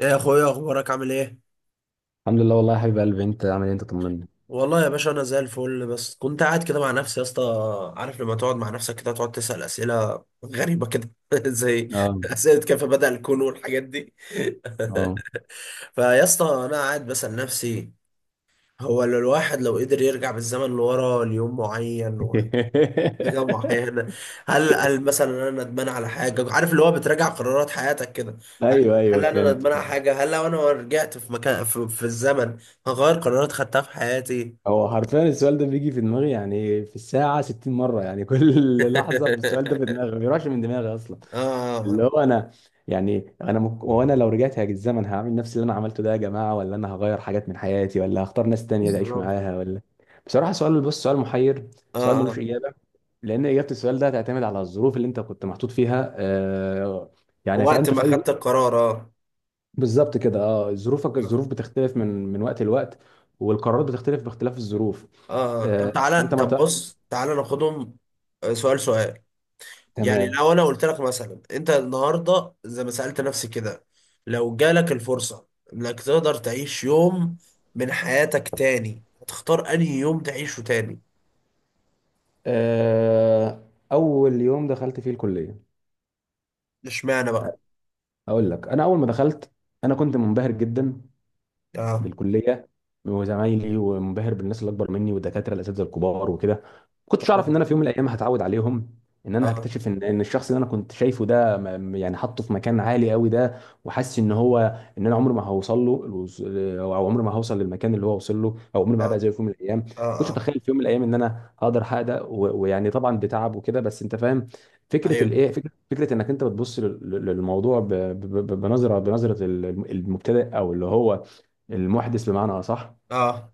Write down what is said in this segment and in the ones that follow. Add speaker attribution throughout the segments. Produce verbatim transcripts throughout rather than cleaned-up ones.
Speaker 1: ايه يا اخويا، اخبارك؟ عامل ايه؟
Speaker 2: الحمد لله والله، يا حبيب قلبي، انت عامل ايه؟ انت طمني.
Speaker 1: والله يا باشا، انا زي الفل، بس كنت قاعد كده مع نفسي يا اسطى. عارف لما تقعد مع نفسك كده تقعد تسأل اسئله غريبه كده زي
Speaker 2: اه.
Speaker 1: اسئله كيف بدأ الكون والحاجات دي.
Speaker 2: اه.
Speaker 1: فيا اسطى انا قاعد بسأل نفسي، هو لو الواحد لو قدر يرجع بالزمن لورا ليوم معين ولا حاجه معينه. هل هل مثلا انا ندمان على حاجه؟ عارف اللي هو بتراجع قرارات حياتك كده. هل
Speaker 2: ايوه، ايوه،
Speaker 1: هل انا
Speaker 2: فهمت
Speaker 1: ندمان على
Speaker 2: فهمت.
Speaker 1: حاجه؟ هل لو انا رجعت في مكان في, في الزمن هغير قرارات خدتها في حياتي؟
Speaker 2: هو حرفيا السؤال ده بيجي في دماغي، يعني في الساعه ستين مره، يعني كل لحظه السؤال ده في دماغي،
Speaker 1: اه.
Speaker 2: ما بيروحش من دماغي اصلا. اللي
Speaker 1: آه،
Speaker 2: هو انا، يعني انا مك... وانا لو رجعت هاجي الزمن هعمل نفس اللي انا عملته ده يا جماعه، ولا انا هغير حاجات من حياتي، ولا هختار ناس تانية تعيش
Speaker 1: بالظبط.
Speaker 2: معاها، ولا... بصراحه سؤال، بص، سؤال محير.
Speaker 1: اه،
Speaker 2: سؤال ملوش
Speaker 1: اه،
Speaker 2: اجابه، لان اجابه السؤال ده هتعتمد على الظروف اللي انت كنت محطوط فيها، آه، يعني
Speaker 1: وقت
Speaker 2: فانت
Speaker 1: ما
Speaker 2: في اي...
Speaker 1: خدت القرار. اه،
Speaker 2: بالظبط كده. اه، ظروفك، الظروف
Speaker 1: اه،
Speaker 2: بتختلف من من وقت لوقت، والقرارات بتختلف باختلاف الظروف.
Speaker 1: آه. طب
Speaker 2: آه،
Speaker 1: تعالى،
Speaker 2: انت ما
Speaker 1: طب
Speaker 2: ت...
Speaker 1: بص تعالى ناخدهم. آه، سؤال سؤال يعني
Speaker 2: تمام.
Speaker 1: لو انا قلت لك مثلا، انت النهارده زي ما سألت نفسي كده، لو جالك الفرصة انك تقدر تعيش يوم من حياتك تاني، هتختار انهي يوم تعيشه تاني؟
Speaker 2: آه، اول يوم دخلت فيه الكليه.
Speaker 1: اشمعنى بقى؟
Speaker 2: اقول لك، انا اول ما دخلت، انا كنت منبهر جدا
Speaker 1: اه،
Speaker 2: بالكليه وزمايلي، ومنبهر بالناس اللي اكبر مني والدكاتره الاساتذه الكبار وكده. ما كنتش اعرف
Speaker 1: اه،
Speaker 2: ان انا في يوم من الايام هتعود عليهم، ان انا
Speaker 1: اه،
Speaker 2: هكتشف ان ان الشخص اللي انا كنت شايفه ده، م- م- يعني حاطه في مكان عالي قوي ده، وحاسس ان هو، ان انا عمري ما هوصل له الوز- او عمري ما هوصل للمكان اللي هو وصل له، او عمري ما
Speaker 1: اه،
Speaker 2: هبقى زيه في يوم من الايام. ما
Speaker 1: اه،
Speaker 2: كنتش
Speaker 1: آه.
Speaker 2: اتخيل في يوم من الايام ان انا هقدر احقق ده، و- ويعني طبعا بتعب وكده، بس انت فاهم. فكره
Speaker 1: ايوه،
Speaker 2: الايه فكره فكره انك انت بتبص لل- لل- للموضوع ب- ب- ب- بنظره بنظره ال- المبتدئ، او اللي هو المحدث بمعنى اصح.
Speaker 1: اه،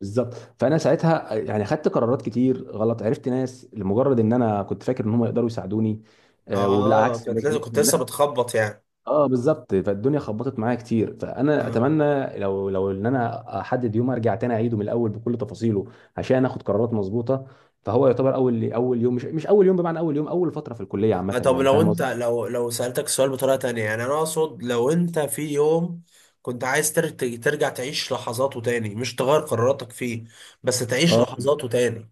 Speaker 2: بالظبط. فانا ساعتها يعني خدت قرارات كتير غلط، عرفت ناس لمجرد ان انا كنت فاكر ان هم يقدروا يساعدوني. آه،
Speaker 1: اه،
Speaker 2: وبالعكس
Speaker 1: كنت
Speaker 2: الناس
Speaker 1: لازم،
Speaker 2: دي
Speaker 1: كنت لسه
Speaker 2: والن-
Speaker 1: بتخبط يعني.
Speaker 2: اه بالظبط. فالدنيا خبطت معايا كتير. فانا
Speaker 1: آه.
Speaker 2: اتمنى لو لو ان انا احدد يوم ارجع تاني اعيده من الاول بكل تفاصيله، عشان اخد قرارات مظبوطه. فهو يعتبر اول اول يوم، مش مش اول يوم بمعنى اول يوم، اول فتره في الكليه
Speaker 1: لا،
Speaker 2: عامه،
Speaker 1: طب
Speaker 2: يعني
Speaker 1: لو
Speaker 2: فاهم
Speaker 1: انت،
Speaker 2: قصدي؟
Speaker 1: لو لو سألتك السؤال بطريقة تانية، يعني انا اقصد لو انت في يوم كنت عايز تر- ترجع تعيش لحظاته تاني، مش تغير قراراتك فيه، بس تعيش
Speaker 2: اه،
Speaker 1: لحظاته تاني.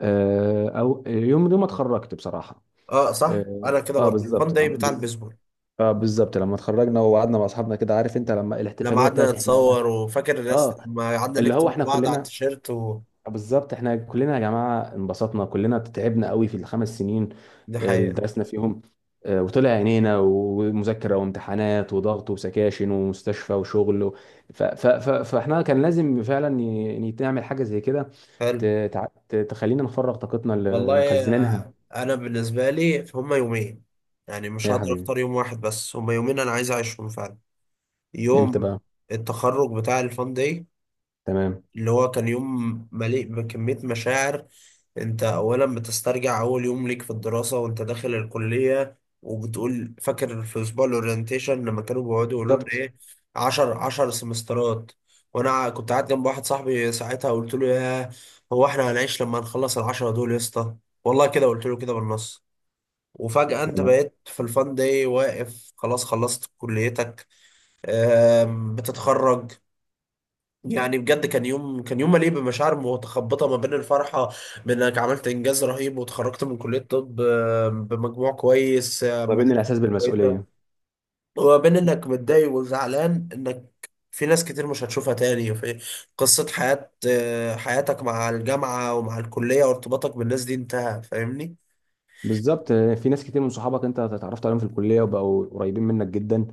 Speaker 2: آه، او يوم، يوم ما اتخرجت بصراحه.
Speaker 1: اه صح،
Speaker 2: اه،
Speaker 1: انا كده
Speaker 2: آه،
Speaker 1: برضو، الفان
Speaker 2: بالظبط،
Speaker 1: داي
Speaker 2: آه.
Speaker 1: بتاع البيسبول.
Speaker 2: اه، بالظبط، لما اتخرجنا وقعدنا مع اصحابنا كده، عارف انت لما
Speaker 1: لما
Speaker 2: الاحتفاليه
Speaker 1: قعدنا
Speaker 2: بتاعت احنا.
Speaker 1: نتصور، وفاكر الناس
Speaker 2: اه،
Speaker 1: لما قعدنا
Speaker 2: اللي هو
Speaker 1: نكتب
Speaker 2: احنا
Speaker 1: بعض على
Speaker 2: كلنا.
Speaker 1: التيشيرت و...
Speaker 2: بالظبط، احنا كلنا يا جماعه انبسطنا، كلنا تعبنا قوي في الخمس سنين
Speaker 1: دي
Speaker 2: اللي
Speaker 1: حقيقة.
Speaker 2: درسنا فيهم، آه، وطلع عينينا، ومذاكره وامتحانات وضغط وسكاشن ومستشفى وشغل و- ف ف ف فاحنا كان لازم فعلا ي- نعمل حاجه زي كده،
Speaker 1: حلو.
Speaker 2: ت- تع- ت- تخلينا نفرغ طاقتنا اللي
Speaker 1: والله
Speaker 2: مخزنينها.
Speaker 1: آه، انا بالنسبة لي هما يومين، يعني مش
Speaker 2: يا
Speaker 1: هقدر
Speaker 2: حبيبي،
Speaker 1: اختار يوم واحد، بس هما يومين انا عايز اعيشهم فعلا.
Speaker 2: امتى
Speaker 1: يوم
Speaker 2: بقى؟
Speaker 1: التخرج بتاع الفان داي،
Speaker 2: تمام.
Speaker 1: اللي هو كان يوم مليء بكمية مشاعر. انت اولا بتسترجع اول يوم ليك في الدراسة وانت داخل الكلية، وبتقول فاكر في اسبوع الاورينتيشن لما كانوا بيقعدوا يقولوا لنا
Speaker 2: بالظبط،
Speaker 1: ايه؟ عشر عشر سمسترات. وانا كنت قاعد جنب واحد صاحبي ساعتها قلت له: يا هو احنا هنعيش لما نخلص العشرة دول يا اسطى؟ والله كده قلت له كده بالنص. وفجأة انت
Speaker 2: يعني،
Speaker 1: بقيت في الفان داي واقف، خلاص خلصت كليتك، آم، بتتخرج. يعني بجد كان يوم كان يوم مليء بمشاعر متخبطه، ما بين الفرحه بانك عملت انجاز رهيب وتخرجت من كليه طب آه، بمجموع كويس، آه، معرفة
Speaker 2: وبين الاحساس
Speaker 1: كويسه،
Speaker 2: بالمسؤوليه.
Speaker 1: وما بين انك متضايق وزعلان انك في ناس كتير مش هتشوفها تاني، في قصه حياه آه، حياتك مع الجامعه ومع الكليه، وارتباطك بالناس دي انتهى. فاهمني؟
Speaker 2: بالظبط، في ناس كتير من صحابك انت اتعرفت عليهم في الكليه وبقوا قريبين منك جدا،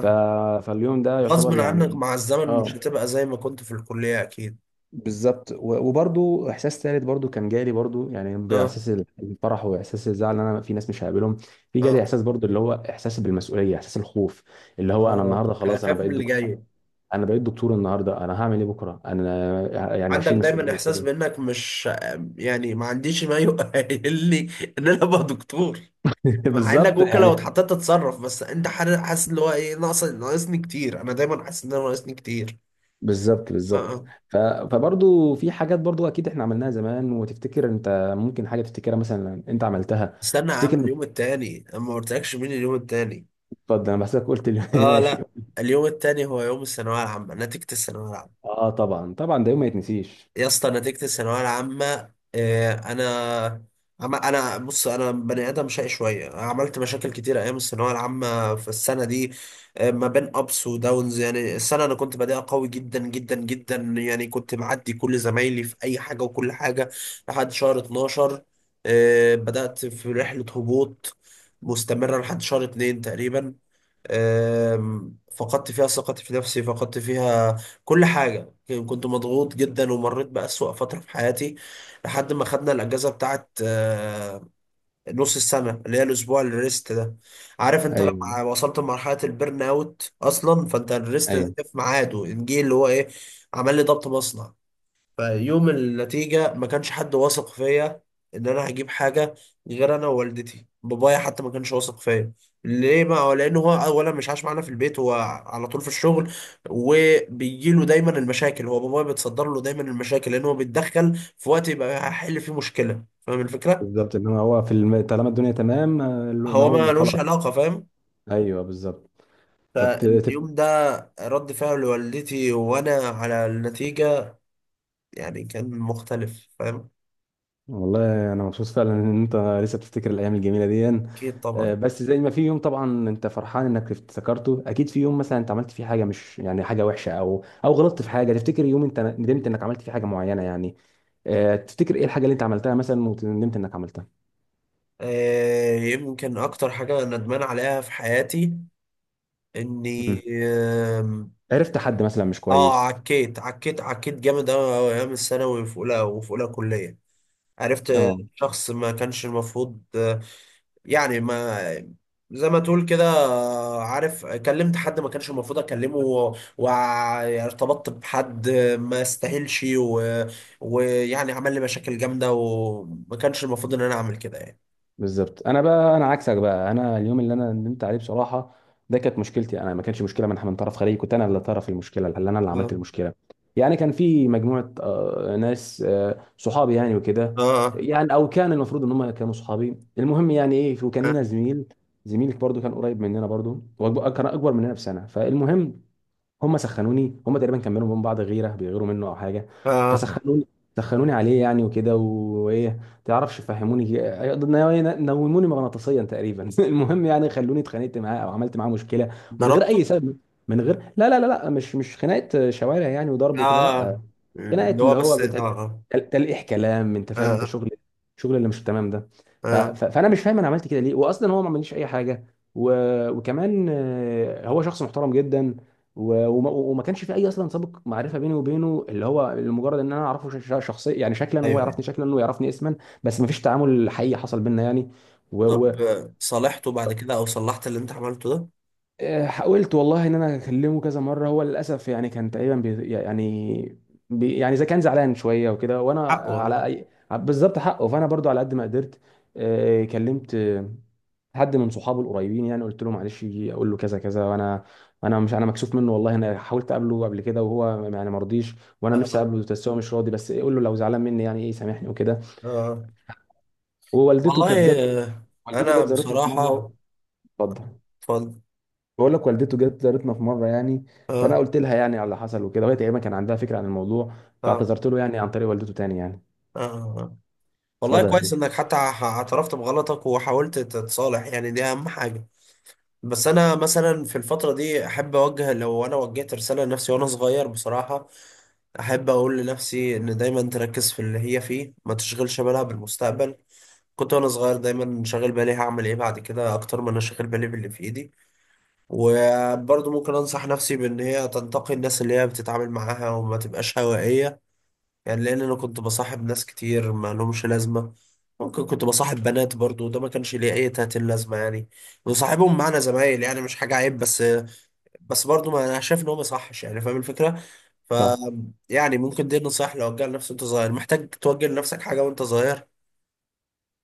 Speaker 2: ف... فاليوم ده
Speaker 1: غصب
Speaker 2: يعتبر
Speaker 1: عنك
Speaker 2: يعني...
Speaker 1: مع الزمن مش
Speaker 2: اه،
Speaker 1: هتبقى زي ما كنت في الكليه اكيد.
Speaker 2: بالظبط، و- وبرضو احساس ثالث، برضو كان جالي برضو، يعني
Speaker 1: اه،
Speaker 2: باحساس الفرح واحساس الزعل، ان انا في ناس مش هقابلهم. في جالي
Speaker 1: اه،
Speaker 2: احساس برضو، اللي هو احساس بالمسؤوليه، احساس الخوف، اللي هو، انا
Speaker 1: اه،
Speaker 2: النهارده خلاص انا
Speaker 1: اخاف من
Speaker 2: بقيت
Speaker 1: اللي
Speaker 2: دكتور.
Speaker 1: جاي.
Speaker 2: انا بقيت دكتور النهارده، انا هعمل ايه بكره؟ انا يعني
Speaker 1: عندك
Speaker 2: هشيل
Speaker 1: دايما
Speaker 2: مسؤوليه
Speaker 1: احساس
Speaker 2: ازاي؟
Speaker 1: بانك مش، يعني ما عنديش ما يؤهل لي ان انا ابقى دكتور. مع انك
Speaker 2: بالظبط،
Speaker 1: ممكن لو
Speaker 2: يعني.
Speaker 1: اتحطيت تتصرف، بس انت حر- حاسس اللي هو ايه، ناقص، ناقصني كتير. انا دايما حاسس ان انا ناقصني كتير.
Speaker 2: بالظبط،
Speaker 1: اه،
Speaker 2: بالظبط.
Speaker 1: اه.
Speaker 2: ف... فبرضو في حاجات برضو اكيد احنا عملناها زمان، وتفتكر انت ممكن حاجه تفتكرها مثلا انت عملتها.
Speaker 1: استنى يا عم،
Speaker 2: تفتكر
Speaker 1: اليوم
Speaker 2: إنك-
Speaker 1: التاني انا ما قلتلكش مين اليوم التاني.
Speaker 2: اتفضل، انا بحسك قلت لي.
Speaker 1: اه،
Speaker 2: ماشي.
Speaker 1: لا. اليوم التاني هو يوم الثانويه العامه، نتيجه الثانويه العامه.
Speaker 2: اه، طبعا طبعا، ده يوم ما يتنسيش.
Speaker 1: يا اسطى، نتيجة الثانوية العامة. آه، انا، عم- انا بص، انا بني ادم شقي شوية، عملت مشاكل كتير ايام الثانوية العامة في السنة دي. آه، ما بين ابس وداونز. يعني السنة انا كنت بادئها قوي جدا جدا جدا، يعني كنت معدي كل زمايلي في اي حاجة وكل حاجة لحد شهر اتناشر. آه، بدأت في رحلة هبوط مستمرة لحد شهر اثنين تقريبا. آم، فقدت فيها ثقتي في نفسي، فقدت فيها كل حاجة. كنت مضغوط جدا، ومريت بأسوأ فترة في حياتي لحد ما خدنا الأجازة بتاعت آه، نص السنة اللي هي الأسبوع الريست ده. عارف، مم، أنت
Speaker 2: ايوه
Speaker 1: لما وصلت لمرحلة البرن أوت أصلا فأنت الريست ده
Speaker 2: ايوه،
Speaker 1: في ميعاده جه. اللي هو إيه، عمل لي ضبط مصنع. فيوم النتيجة ما كانش حد واثق فيا إن أنا هجيب حاجة، غير أنا ووالدتي. بابايا حتى ما كانش واثق فيا. ليه؟ ما لأن هو أولا مش عايش معانا في البيت، هو على طول في الشغل، وبيجيله دايما المشاكل. هو بابايا بيتصدر له دايما المشاكل لأن هو بيتدخل في وقت يبقى هيحل فيه مشكلة. فاهم الفكرة؟
Speaker 2: بالظبط، ان هو في الم... طالما الدنيا تمام، آه، ما
Speaker 1: هو
Speaker 2: هو
Speaker 1: ما
Speaker 2: ما
Speaker 1: لوش
Speaker 2: خلاص.
Speaker 1: علاقة، فاهم؟
Speaker 2: ايوه بالظبط. طب ت- تف...
Speaker 1: فاليوم ده، رد فعل والدتي وأنا على النتيجة يعني كان مختلف، فاهم؟
Speaker 2: والله انا مبسوط فعلا ان انت لسه بتفتكر الايام الجميله دي.
Speaker 1: أكيد
Speaker 2: آه،
Speaker 1: طبعا.
Speaker 2: بس زي ما في يوم طبعا انت فرحان انك افتكرته، اكيد في يوم مثلا انت عملت فيه حاجه، مش يعني حاجه وحشه، او او غلطت في حاجه. تفتكر يوم انت ندمت انك عملت فيه حاجه معينه يعني؟ آه، تفتكر ايه الحاجه اللي انت عملتها مثلا وندمت انك عملتها؟
Speaker 1: آه، يمكن اكتر حاجه ندمان عليها في حياتي اني،
Speaker 2: مم.
Speaker 1: آم،
Speaker 2: عرفت حد مثلا مش
Speaker 1: اه،
Speaker 2: كويس؟
Speaker 1: عكيت عكيت عكيت جامد قوي قوي ايام الثانوي وفي اولى، وفي اولى كليه. عرفت
Speaker 2: اه،
Speaker 1: شخص ما كانش المفروض، آه، يعني ما زي ما تقول كده، آه، عارف، كلمت حد ما كانش المفروض اكلمه، و- وارتبطت بحد ما يستاهلش، و- ويعني عمل لي مشاكل جامده، وما كانش المفروض ان انا اعمل كده يعني.
Speaker 2: بالظبط. انا بقى، انا عكسك بقى، انا اليوم اللي انا ندمت عليه بصراحه ده، كانت مشكلتي، انا ما كانش مشكله من من طرف خارجي، كنت انا اللي طرف المشكله، اللي انا اللي عملت
Speaker 1: اه،
Speaker 2: المشكله. يعني كان في مجموعه، آه، ناس، آه، صحابي يعني وكده،
Speaker 1: اه،
Speaker 2: يعني او كان المفروض ان هم كانوا صحابي، المهم يعني ايه، وكان لنا
Speaker 1: آه.
Speaker 2: زميل. زميلك برضو كان قريب مننا برضو، وأكبر- كان اكبر مننا بسنه. فالمهم، هم سخنوني، هم تقريبا كملوا من بعض غيره بيغيروا منه او حاجه. مم.
Speaker 1: آه.
Speaker 2: فسخنوني سخنوني عليه يعني، وكده، وايه. تعرفش، فهموني، نوموني مغناطيسيا تقريبا. المهم يعني خلوني اتخانقت معاه او عملت معاه مشكله من غير اي
Speaker 1: ضربته.
Speaker 2: سبب. من غير... لا لا لا لا، مش مش خناقه شوارع يعني وضرب وكده، لا.
Speaker 1: اه،
Speaker 2: خناقه
Speaker 1: اللي هو
Speaker 2: اللي هو
Speaker 1: بس. اه،
Speaker 2: بتل...
Speaker 1: اه،
Speaker 2: تل- تلقيح كلام، انت فاهم، انت
Speaker 1: اه،
Speaker 2: شغل، شغل اللي مش تمام ده. ف...
Speaker 1: اه.
Speaker 2: ف... فانا مش فاهم انا عملت كده ليه، واصلا هو ما عملليش اي حاجه. و... وكمان آه، هو شخص محترم جدا، و... وما... وما كانش في اي اصلا سابق معرفه بيني وبينه، اللي هو لمجرد ان انا اعرفه ش... ش- شخصيا، يعني شكلا، وهو
Speaker 1: ايوه، ايوه.
Speaker 2: يعرفني شكلا، ويعرفني اسما. بس ما فيش تعامل حقيقي حصل بينا يعني. و... و...
Speaker 1: طب آه، صالحته بعد كده او صلحت اللي انت عملته ده؟
Speaker 2: آه، حاولت والله ان انا اكلمه كذا مره، هو للاسف يعني كان تقريبا بي يعني بي يعني اذا كان زعلان شويه وكده، وانا
Speaker 1: حقه.
Speaker 2: على أي... بالظبط، حقه. فانا برضو على قد ما قدرت، آه، كلمت آه، حد من صحابه القريبين يعني، قلت له معلش، يجي اقول له كذا كذا، وانا انا مش انا مكسوف منه، والله انا حاولت اقابله قبل كده، وهو يعني ما رضيش، وانا نفسي
Speaker 1: اه،
Speaker 2: اقابله، بس هو مش راضي. بس إيه، قول له لو زعلان مني يعني ايه، سامحني وكده.
Speaker 1: اه.
Speaker 2: ووالدته
Speaker 1: والله
Speaker 2: كانت جت.
Speaker 1: آه،
Speaker 2: والدته
Speaker 1: انا
Speaker 2: جت زارتنا في
Speaker 1: بصراحة،
Speaker 2: مره. اتفضل.
Speaker 1: اتفضل.
Speaker 2: بقول لك، والدته جت زارتنا في مره يعني، فانا
Speaker 1: اه،
Speaker 2: قلت لها يعني على اللي حصل وكده، لغايه ايام ما كان عندها فكره عن الموضوع،
Speaker 1: اه،
Speaker 2: فاعتذرت له يعني عن طريق والدته تاني يعني.
Speaker 1: اه. والله
Speaker 2: اتفضل يا
Speaker 1: كويس
Speaker 2: حبيبي.
Speaker 1: انك حتى ح- اعترفت بغلطك وحاولت تتصالح، يعني دي اهم حاجة. بس انا مثلا في الفترة دي احب اوجه، لو انا وجهت رسالة لنفسي وانا صغير بصراحة، احب اقول لنفسي ان دايما تركز في اللي هي فيه، ما تشغلش بالها بالمستقبل. كنت وانا صغير دايما شاغل بالي هعمل ايه بعد كده، اكتر ما انا شاغل بالي باللي في ايدي. وبرضه ممكن انصح نفسي بان هي تنتقي الناس اللي هي بتتعامل معاها، وما تبقاش هوائية يعني. لان انا كنت بصاحب ناس كتير ما لهمش لازمة. ممكن كنت بصاحب بنات برضه، وده ما كانش ليه اي تاتين لازمة يعني. وصاحبهم معنا زمايل، يعني مش حاجة عيب، بس بس برضو ما انا شايف ان هو ما يصحش يعني. فاهم الفكره؟ ف،
Speaker 2: صح.
Speaker 1: يعني ممكن دي نصايح لو وجهها لنفسك وانت صغير، محتاج توجه لنفسك حاجه وانت صغير.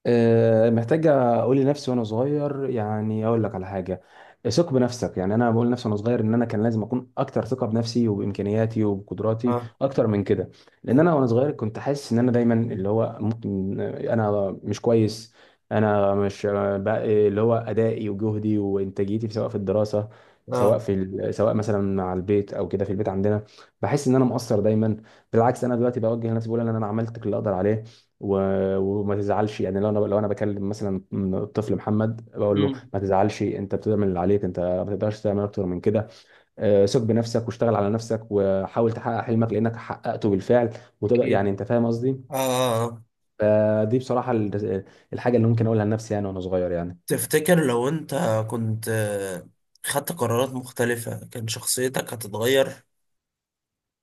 Speaker 2: آه، محتاجة أقول لنفسي وأنا صغير، يعني أقول لك على حاجة: ثق بنفسك. يعني أنا بقول لنفسي وأنا صغير إن أنا كان لازم أكون أكتر ثقة بنفسي وبإمكانياتي وبقدراتي
Speaker 1: اه،
Speaker 2: أكتر من كده. لأن
Speaker 1: اه،
Speaker 2: أنا وأنا صغير كنت حاسس إن أنا دايما اللي هو ممكن أنا مش كويس. أنا مش بقى اللي هو أدائي وجهدي وإنتاجيتي، سواء في الدراسة، سواء
Speaker 1: اه،
Speaker 2: في ال- سواء مثلا مع البيت او كده، في البيت عندنا، بحس ان انا مقصر دايما. بالعكس، انا دلوقتي بوجه لنفسي، بقول ان انا عملت كل اللي اقدر عليه، و- وما تزعلش، يعني لو انا لو انا بكلم مثلا الطفل محمد، بقول له:
Speaker 1: امم،
Speaker 2: ما تزعلش، انت بتعمل اللي عليك، انت ما تقدرش تعمل اكتر من كده. آه، ثق بنفسك، واشتغل على نفسك، وحاول تحقق حلمك، لانك حققته بالفعل، وتقدر،
Speaker 1: اكيد،
Speaker 2: يعني انت فاهم
Speaker 1: اه،
Speaker 2: قصدي.
Speaker 1: آه.
Speaker 2: فدي بصراحه ال- الحاجه اللي ممكن اقولها لنفسي يعني وانا صغير يعني.
Speaker 1: تفتكر لو انت كنت، آه، خدت قرارات مختلفه كان شخصيتك هتتغير؟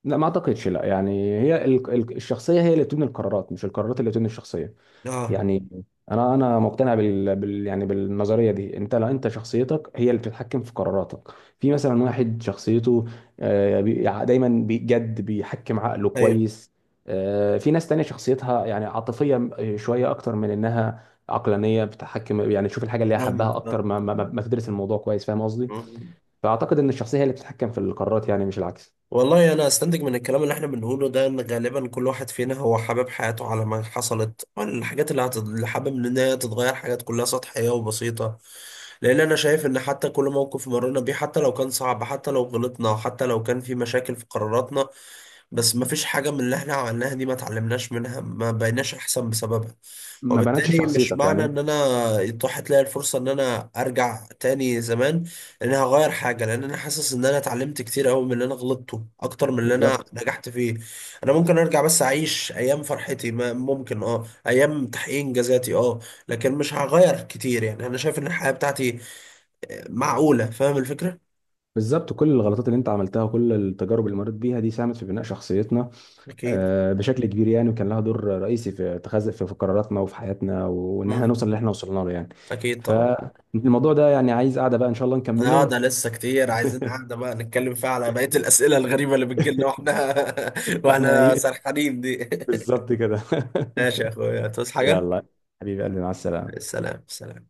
Speaker 2: لا، ما اعتقدش، لا، يعني هي ال- ال- الشخصيه هي اللي بتبني القرارات، مش القرارات اللي بتبني الشخصيه.
Speaker 1: اه،
Speaker 2: يعني انا انا مقتنع بال... بال... يعني بالنظريه دي. انت، لو انت شخصيتك هي اللي بتتحكم في قراراتك. في مثلا واحد شخصيته، آه، بي- ع- دايما بجد بيحكم عقله
Speaker 1: ايوه،
Speaker 2: كويس، آه، في ناس تانية شخصيتها يعني عاطفيه شويه اكتر من انها عقلانيه، بتحكم، يعني تشوف الحاجه اللي هي حبها
Speaker 1: فاهمك.
Speaker 2: اكتر ما ما, ما ما تدرس الموضوع كويس، فاهم قصدي.
Speaker 1: آه.
Speaker 2: فاعتقد ان الشخصيه هي اللي بتتحكم في القرارات، يعني مش العكس.
Speaker 1: والله انا استنتج من الكلام اللي احنا بنقوله ده ان غالبا كل واحد فينا هو حابب حياته على ما حصلت. الحاجات اللي هتت- اللي حابب ان هي تتغير حاجات كلها سطحية وبسيطة. لان انا شايف ان حتى كل موقف مرينا بيه، حتى لو كان صعب، حتى لو غلطنا، حتى لو كان في مشاكل في قراراتنا، بس ما فيش حاجة من اللي احنا عملناها دي ما اتعلمناش منها، ما بقيناش احسن بسببها.
Speaker 2: ما بنتش
Speaker 1: وبالتالي مش
Speaker 2: شخصيتك
Speaker 1: معنى
Speaker 2: يعني.
Speaker 1: ان انا اتاحت لي الفرصة ان انا ارجع تاني زمان ان انا هغير حاجه. لان انا حاسس ان انا اتعلمت كتير قوي من اللي انا غلطته، اكتر من اللي انا
Speaker 2: بالظبط،
Speaker 1: نجحت فيه. انا ممكن ارجع بس اعيش ايام فرحتي، ما ممكن، اه، ايام تحقيق انجازاتي، اه. لكن مش هغير كتير، يعني انا شايف ان الحياه بتاعتي معقوله. فاهم الفكره؟
Speaker 2: بالظبط، كل الغلطات اللي انت عملتها وكل التجارب اللي مريت بيها دي ساهمت في بناء شخصيتنا،
Speaker 1: اكيد.
Speaker 2: آه، بشكل كبير يعني، وكان لها دور رئيسي في اتخاذ، في في قراراتنا وفي حياتنا، وان احنا
Speaker 1: مهم.
Speaker 2: نوصل اللي احنا وصلنا له يعني.
Speaker 1: اكيد طبعا.
Speaker 2: فالموضوع ده، يعني عايز قاعده بقى ان شاء الله
Speaker 1: اه،
Speaker 2: نكمله.
Speaker 1: ده لسه كتير، عايزين قاعده بقى نتكلم فيها على بقيه الاسئله الغريبه اللي بتجيلنا واحنا
Speaker 2: واحنا،
Speaker 1: واحنا سرحانين دي.
Speaker 2: بالظبط كده.
Speaker 1: ماشي يا اخويا، تصحى حاجه.
Speaker 2: يلا، حبيبي قلبي، مع السلامه.
Speaker 1: السلام، سلام.